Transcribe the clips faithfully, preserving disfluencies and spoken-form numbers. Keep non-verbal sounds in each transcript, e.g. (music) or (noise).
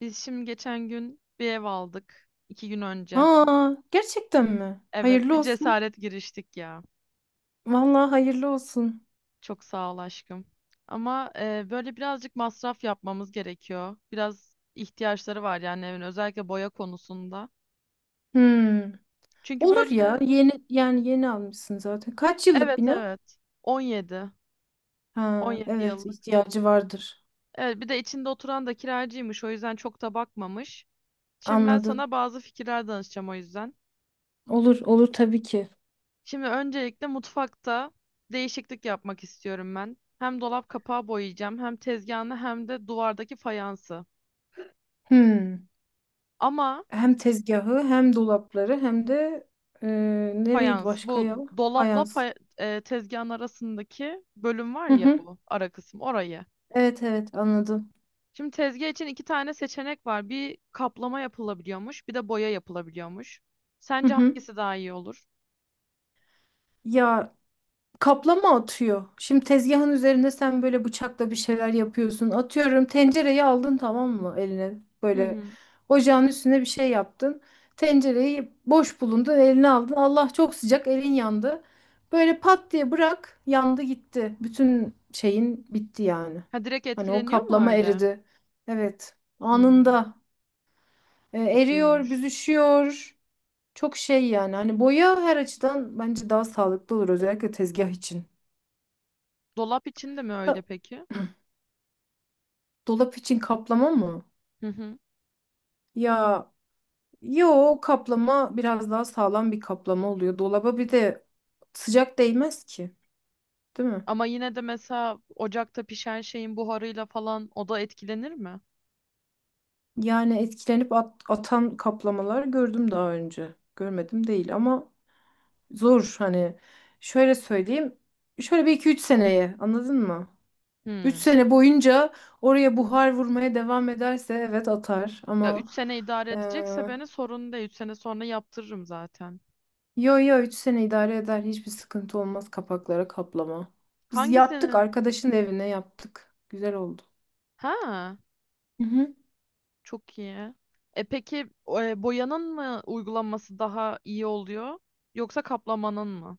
Biz şimdi geçen gün bir ev aldık. İki gün önce. Aa, gerçekten mi? Evet, Hayırlı bir olsun. cesaret giriştik ya. Vallahi hayırlı olsun. Çok sağ ol aşkım. Ama e, böyle birazcık masraf yapmamız gerekiyor. Biraz ihtiyaçları var yani evin, özellikle boya konusunda. Hmm. Çünkü Olur ya. böyle. Yeni yani yeni almışsın zaten. Kaç yıllık Evet, bina? evet. on yedi. Ha, on yedi evet yıllık. ihtiyacı vardır. Evet, bir de içinde oturan da kiracıymış, o yüzden çok da bakmamış. Şimdi ben Anladım. sana bazı fikirler danışacağım o yüzden. Olur, olur tabii ki. Şimdi öncelikle mutfakta değişiklik yapmak istiyorum ben. Hem dolap kapağı boyayacağım, hem tezgahını, hem de duvardaki fayansı. Hmm. Ama Hem tezgahı, hem dolapları, hem de e, nereydi fayans, başka ya? bu dolapla Fayans. fay- e, tezgahın arasındaki bölüm var Hı ya, hı. bu ara kısım, orayı. Evet evet anladım. Şimdi tezgah için iki tane seçenek var. Bir kaplama yapılabiliyormuş, bir de boya yapılabiliyormuş. Hı Sence hı. hangisi daha iyi olur? Ya kaplama atıyor. Şimdi tezgahın üzerinde sen böyle bıçakla bir şeyler yapıyorsun. Atıyorum tencereyi aldın tamam mı eline? Hı Böyle hı. ocağın üstüne bir şey yaptın. Tencereyi boş bulundun eline aldın. Allah çok sıcak elin yandı. Böyle pat diye bırak yandı gitti. Bütün şeyin bitti yani. Ha, direkt Hani o etkileniyor mu kaplama öyle? eridi. Evet Hmm, anında. E, eriyor Kötüymüş. büzüşüyor. Çok şey yani hani boya her açıdan bence daha sağlıklı olur özellikle tezgah için. Dolap için de mi öyle peki? Dolap için kaplama mı? Hı hı. Ya yo kaplama biraz daha sağlam bir kaplama oluyor. Dolaba bir de sıcak değmez ki, değil mi? Ama yine de mesela ocakta pişen şeyin buharıyla falan o da etkilenir mi? Yani etkilenip at- atan kaplamalar gördüm daha önce. Görmedim değil ama zor hani. Şöyle söyleyeyim. Şöyle bir iki üç seneye anladın mı? Üç Hmm. sene boyunca oraya buhar vurmaya devam ederse evet atar Ya ama. üç sene idare edecekse beni sorun değil. Üç sene sonra yaptırırım zaten. Yo yo üç sene idare eder. Hiçbir sıkıntı olmaz kapaklara kaplama. Biz yaptık Hangisinin? arkadaşın evine yaptık. Güzel oldu. Ha, Hı hı. çok iyi. E peki, e, boyanın mı uygulanması daha iyi oluyor yoksa kaplamanın mı?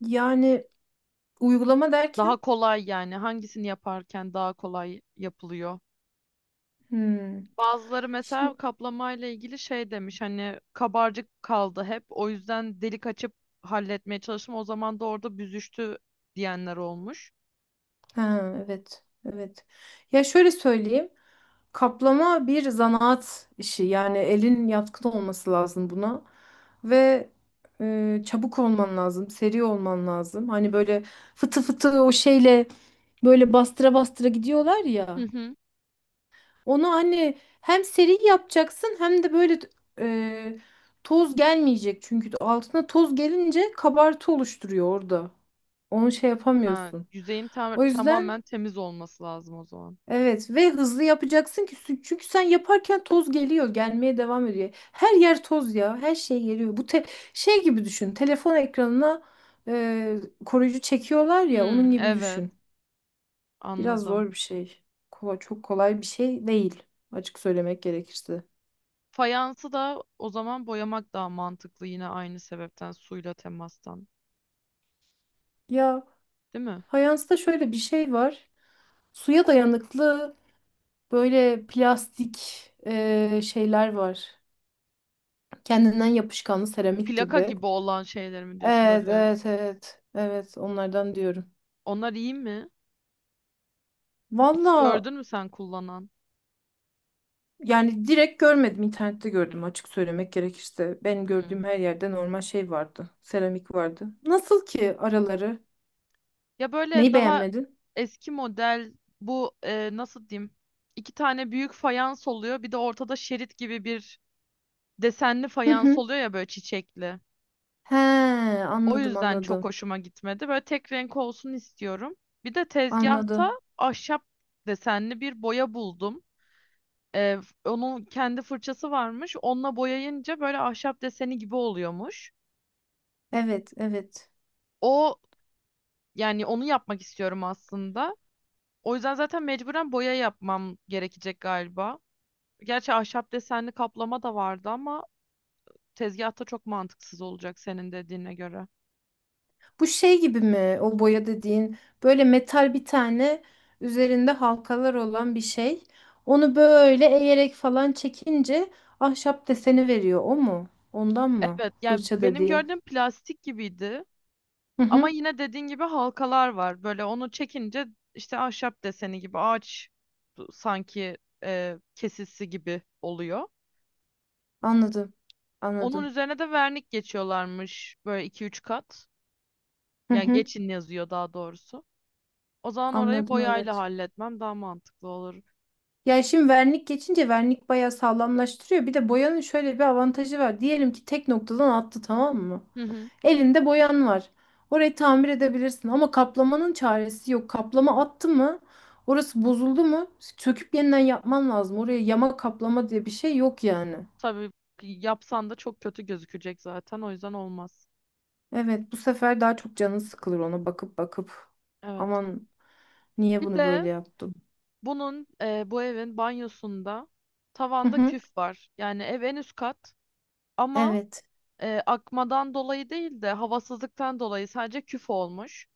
Yani uygulama Daha derken kolay yani, hangisini yaparken daha kolay yapılıyor? hmm. Bazıları mesela Şimdi kaplamayla ilgili şey demiş, hani kabarcık kaldı hep, o yüzden delik açıp halletmeye çalıştım, o zaman da orada büzüştü diyenler olmuş. ha, evet evet. Ya şöyle söyleyeyim. Kaplama bir zanaat işi. Yani elin yatkın olması lazım buna. Ve e, çabuk olman lazım. Seri olman lazım. Hani böyle fıtı fıtı o şeyle böyle bastıra bastıra gidiyorlar Hı ya. hı. Onu anne hem seri yapacaksın hem de böyle e, toz gelmeyecek. Çünkü altına toz gelince kabartı oluşturuyor orada. Onu şey Ha, yapamıyorsun. yüzeyin tam- O tamamen yüzden temiz olması lazım o zaman. evet ve hızlı yapacaksın ki sü- çünkü sen yaparken toz geliyor, gelmeye devam ediyor. Her yer toz ya, her şey geliyor. Bu te- şey gibi düşün. Telefon ekranına e, koruyucu çekiyorlar ya, onun Hmm, gibi evet, düşün. Biraz anladım. zor bir şey. Kolay, çok kolay bir şey değil açık söylemek gerekirse. Fayansı da o zaman boyamak daha mantıklı, yine aynı sebepten, suyla temastan, Ya değil mi? fayansta şöyle bir şey var. Suya dayanıklı böyle plastik e, şeyler var. Kendinden yapışkanlı seramik Plaka gibi. gibi olan şeyler mi diyorsun Evet, böyle, evet, evet. Evet, onlardan diyorum. onlar iyi mi? Hiç Valla gördün mü sen kullanan? yani direkt görmedim. İnternette gördüm açık söylemek gerekirse. Benim Hmm. gördüğüm her yerde normal şey vardı. Seramik vardı. Nasıl ki araları? Ya böyle Neyi daha beğenmedin? eski model bu, e, nasıl diyeyim? İki tane büyük fayans oluyor. Bir de ortada şerit gibi bir desenli Hı hı. fayans oluyor ya, böyle çiçekli. He, O anladım, yüzden çok anladım. hoşuma gitmedi. Böyle tek renk olsun istiyorum. Bir de tezgahta Anladım. ahşap desenli bir boya buldum. E, Onun kendi fırçası varmış. Onunla boyayınca böyle ahşap deseni gibi oluyormuş. Evet, evet. O, yani onu yapmak istiyorum aslında. O yüzden zaten mecburen boya yapmam gerekecek galiba. Gerçi ahşap desenli kaplama da vardı ama tezgahta çok mantıksız olacak senin dediğine göre. Bu şey gibi mi o boya dediğin böyle metal bir tane üzerinde halkalar olan bir şey. Onu böyle eğerek falan çekince ahşap deseni veriyor o mu? Ondan mı? Evet, yani Fırça benim dediğin. gördüğüm plastik gibiydi. Hı Ama hı, yine dediğin gibi halkalar var. Böyle onu çekince işte ahşap deseni gibi, ağaç sanki e, kesisi gibi oluyor. anladım. Onun Anladım. üzerine de vernik geçiyorlarmış böyle iki üç kat. Hı Yani hı, geçin yazıyor daha doğrusu. O zaman orayı anladım boyayla evet. halletmem daha mantıklı olur. Ya şimdi vernik geçince vernik bayağı sağlamlaştırıyor. Bir de boyanın şöyle bir avantajı var. Diyelim ki tek noktadan attı tamam mı? Hı hı. Elinde boyan var. Orayı tamir edebilirsin ama kaplamanın çaresi yok. Kaplama attı mı? Orası bozuldu mu? Söküp yeniden yapman lazım. Oraya yama kaplama diye bir şey yok yani. Tabii, yapsan da çok kötü gözükecek zaten, o yüzden olmaz. Evet, bu sefer daha çok canın sıkılır ona bakıp bakıp. Evet. Aman niye Bir bunu böyle de yaptım? bunun e, bu evin banyosunda Hı tavanda hı. küf var. Yani ev en üst kat ama Evet. e, akmadan dolayı değil de havasızlıktan dolayı sadece küf olmuş.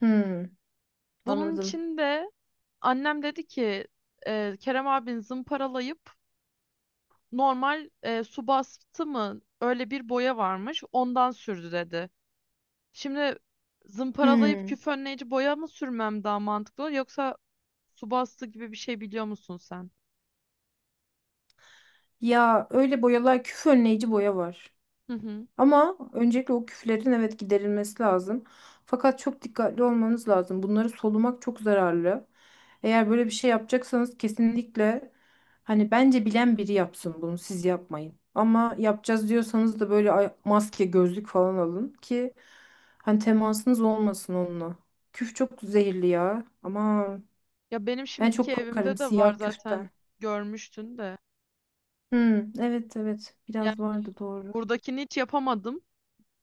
Hmm, Bunun anladım. için de annem dedi ki, e, Kerem abin zımparalayıp normal, e, su bastı mı öyle bir boya varmış, ondan sürdü dedi. Şimdi zımparalayıp Hmm. küf önleyici boya mı sürmem daha mantıklı olur, yoksa su bastı gibi bir şey biliyor musun sen? Ya öyle boyalar küf önleyici boya var. Hı hı. Ama öncelikle o küflerin evet giderilmesi lazım. Fakat çok dikkatli olmanız lazım. Bunları solumak çok zararlı. Eğer böyle bir şey yapacaksanız kesinlikle hani bence bilen biri yapsın bunu siz yapmayın. Ama yapacağız diyorsanız da böyle ay- maske, gözlük falan alın ki hani temasınız olmasın onunla. Küf çok zehirli ya. Ama Ya benim ben şimdiki çok korkarım evimde de var siyah zaten, küften. görmüştün de. Hmm, evet evet Yani biraz vardı doğru. buradakini hiç yapamadım.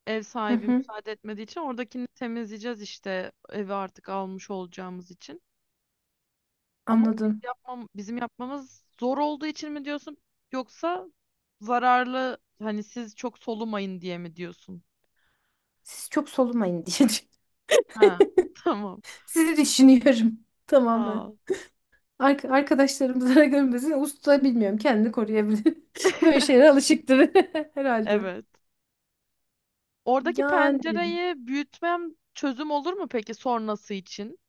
Ev Hı sahibi hı. müsaade etmediği için, oradakini temizleyeceğiz işte, evi artık almış olacağımız için. Ama biz Anladım. yapmam, bizim yapmamız zor olduğu için mi diyorsun, yoksa zararlı, hani siz çok solumayın diye mi diyorsun? Siz çok solumayın diye (laughs) Ha (laughs) tamam. sizi düşünüyorum Sağ tamamen. ol. Ark arkadaşlarım zarar görmesin. (laughs) Usta bilmiyorum. Kendini koruyabilir. (laughs) Böyle (laughs) şeylere alışıktır (laughs) herhalde. Evet. Oradaki Yani pencereyi büyütmem çözüm olur mu peki sonrası için?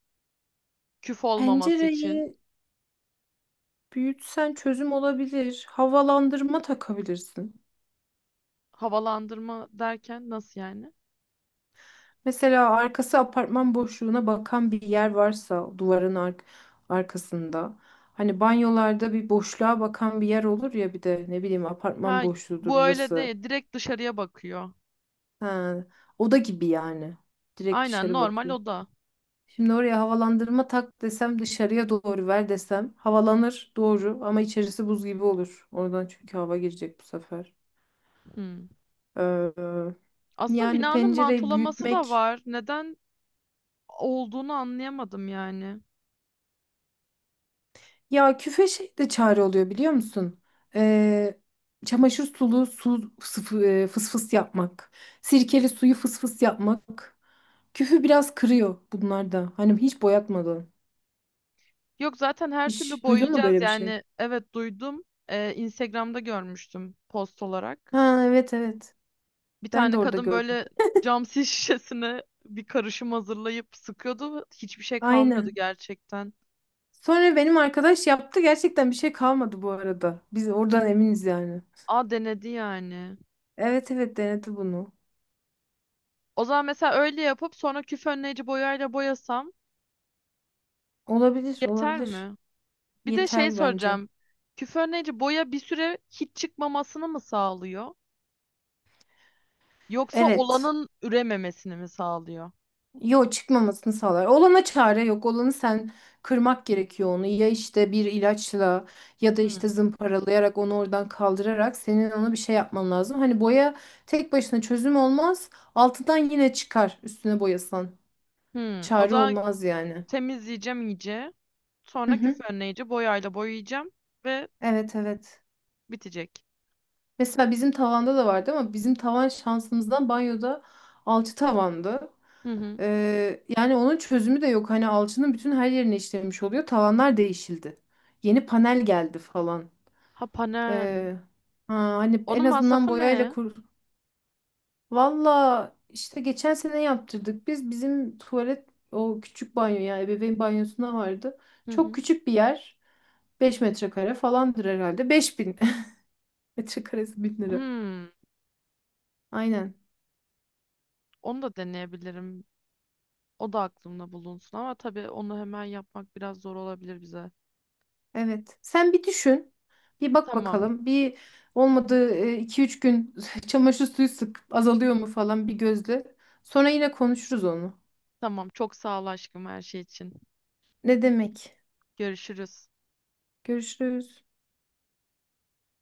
Küf olmaması için. pencereyi büyütsen çözüm olabilir. Havalandırma takabilirsin. Havalandırma derken nasıl yani? Mesela arkası apartman boşluğuna bakan bir yer varsa duvarın ark arkasında. Hani banyolarda bir boşluğa bakan bir yer olur ya bir de ne bileyim apartman Ha, boşluğudur bu öyle orası. değil. Direkt dışarıya bakıyor. Ha, oda gibi yani. Direkt Aynen, dışarı normal bakıyor. oda. Şimdi oraya havalandırma tak desem dışarıya doğru ver desem havalanır doğru ama içerisi buz gibi olur. Oradan çünkü hava girecek bu sefer. Hmm. Ee, Aslında yani binanın pencereyi mantolaması da büyütmek var. Neden olduğunu anlayamadım yani. ya küfe şey de çare oluyor biliyor musun? Ee, çamaşır sulu su sıfı- e, fısfıs yapmak. Sirkeli suyu fısfıs yapmak. Küfü biraz kırıyor bunlar da. Hani hiç boyatmadan. Yok, zaten her türlü Hiç duydun mu boyayacağız böyle bir şey? yani. Evet, duydum. Ee, Instagram'da görmüştüm, post olarak. Ha evet evet. Bir Ben de tane orada kadın gördüm. böyle cam sis (laughs) şişesine bir karışım hazırlayıp sıkıyordu ve hiçbir şey kalmıyordu Aynen. gerçekten. Sonra benim arkadaş yaptı. Gerçekten bir şey kalmadı bu arada. Biz oradan eminiz yani. A, denedi yani. Evet evet denedi bunu. O zaman mesela öyle yapıp sonra küf önleyici boyayla boyasam Olabilir yeter olabilir. mi? Bir de şey Yeter bence. soracağım. Küf önleyici boya bir süre hiç çıkmamasını mı sağlıyor? Yoksa Evet. olanın ürememesini mi sağlıyor? Yo çıkmamasını sağlar. Olana çare yok. Olanı sen kırmak gerekiyor onu. Ya işte bir ilaçla ya da işte Hmm. zımparalayarak onu oradan kaldırarak senin ona bir şey yapman lazım. Hani boya tek başına çözüm olmaz. Altından yine çıkar üstüne boyasan. Hmm. O Çare zaman olmaz yani. temizleyeceğim iyice. Hı Sonra küf hı. önleyici boyayla boyayacağım ve Evet evet. bitecek. Mesela bizim tavanda da vardı ama bizim tavan şansımızdan banyoda alçı tavandı. Hı hı. Ee, yani onun çözümü de yok. Hani alçının bütün her yerine işlemiş oluyor. Tavanlar değişildi. Yeni panel geldi falan. Ha, panel. Ee, ha, hani en Onun azından masrafı boyayla ne? kur. Valla işte geçen sene yaptırdık. Biz bizim tuvalet o küçük banyo yani ebeveyn banyosuna vardı. Hı Çok hı. küçük bir yer. Beş metrekare falandır herhalde. Beş bin. Açık arası bin lira. Hmm, Aynen. Onu da deneyebilirim. O da aklımda bulunsun ama tabii onu hemen yapmak biraz zor olabilir bize. Evet. Sen bir düşün. Bir bak Tamam. bakalım. Bir olmadı iki üç gün (laughs) çamaşır suyu sık azalıyor mu falan bir gözle. Sonra yine konuşuruz onu. Tamam. Çok sağ ol aşkım, her şey için. Ne demek? Görüşürüz. Görüşürüz.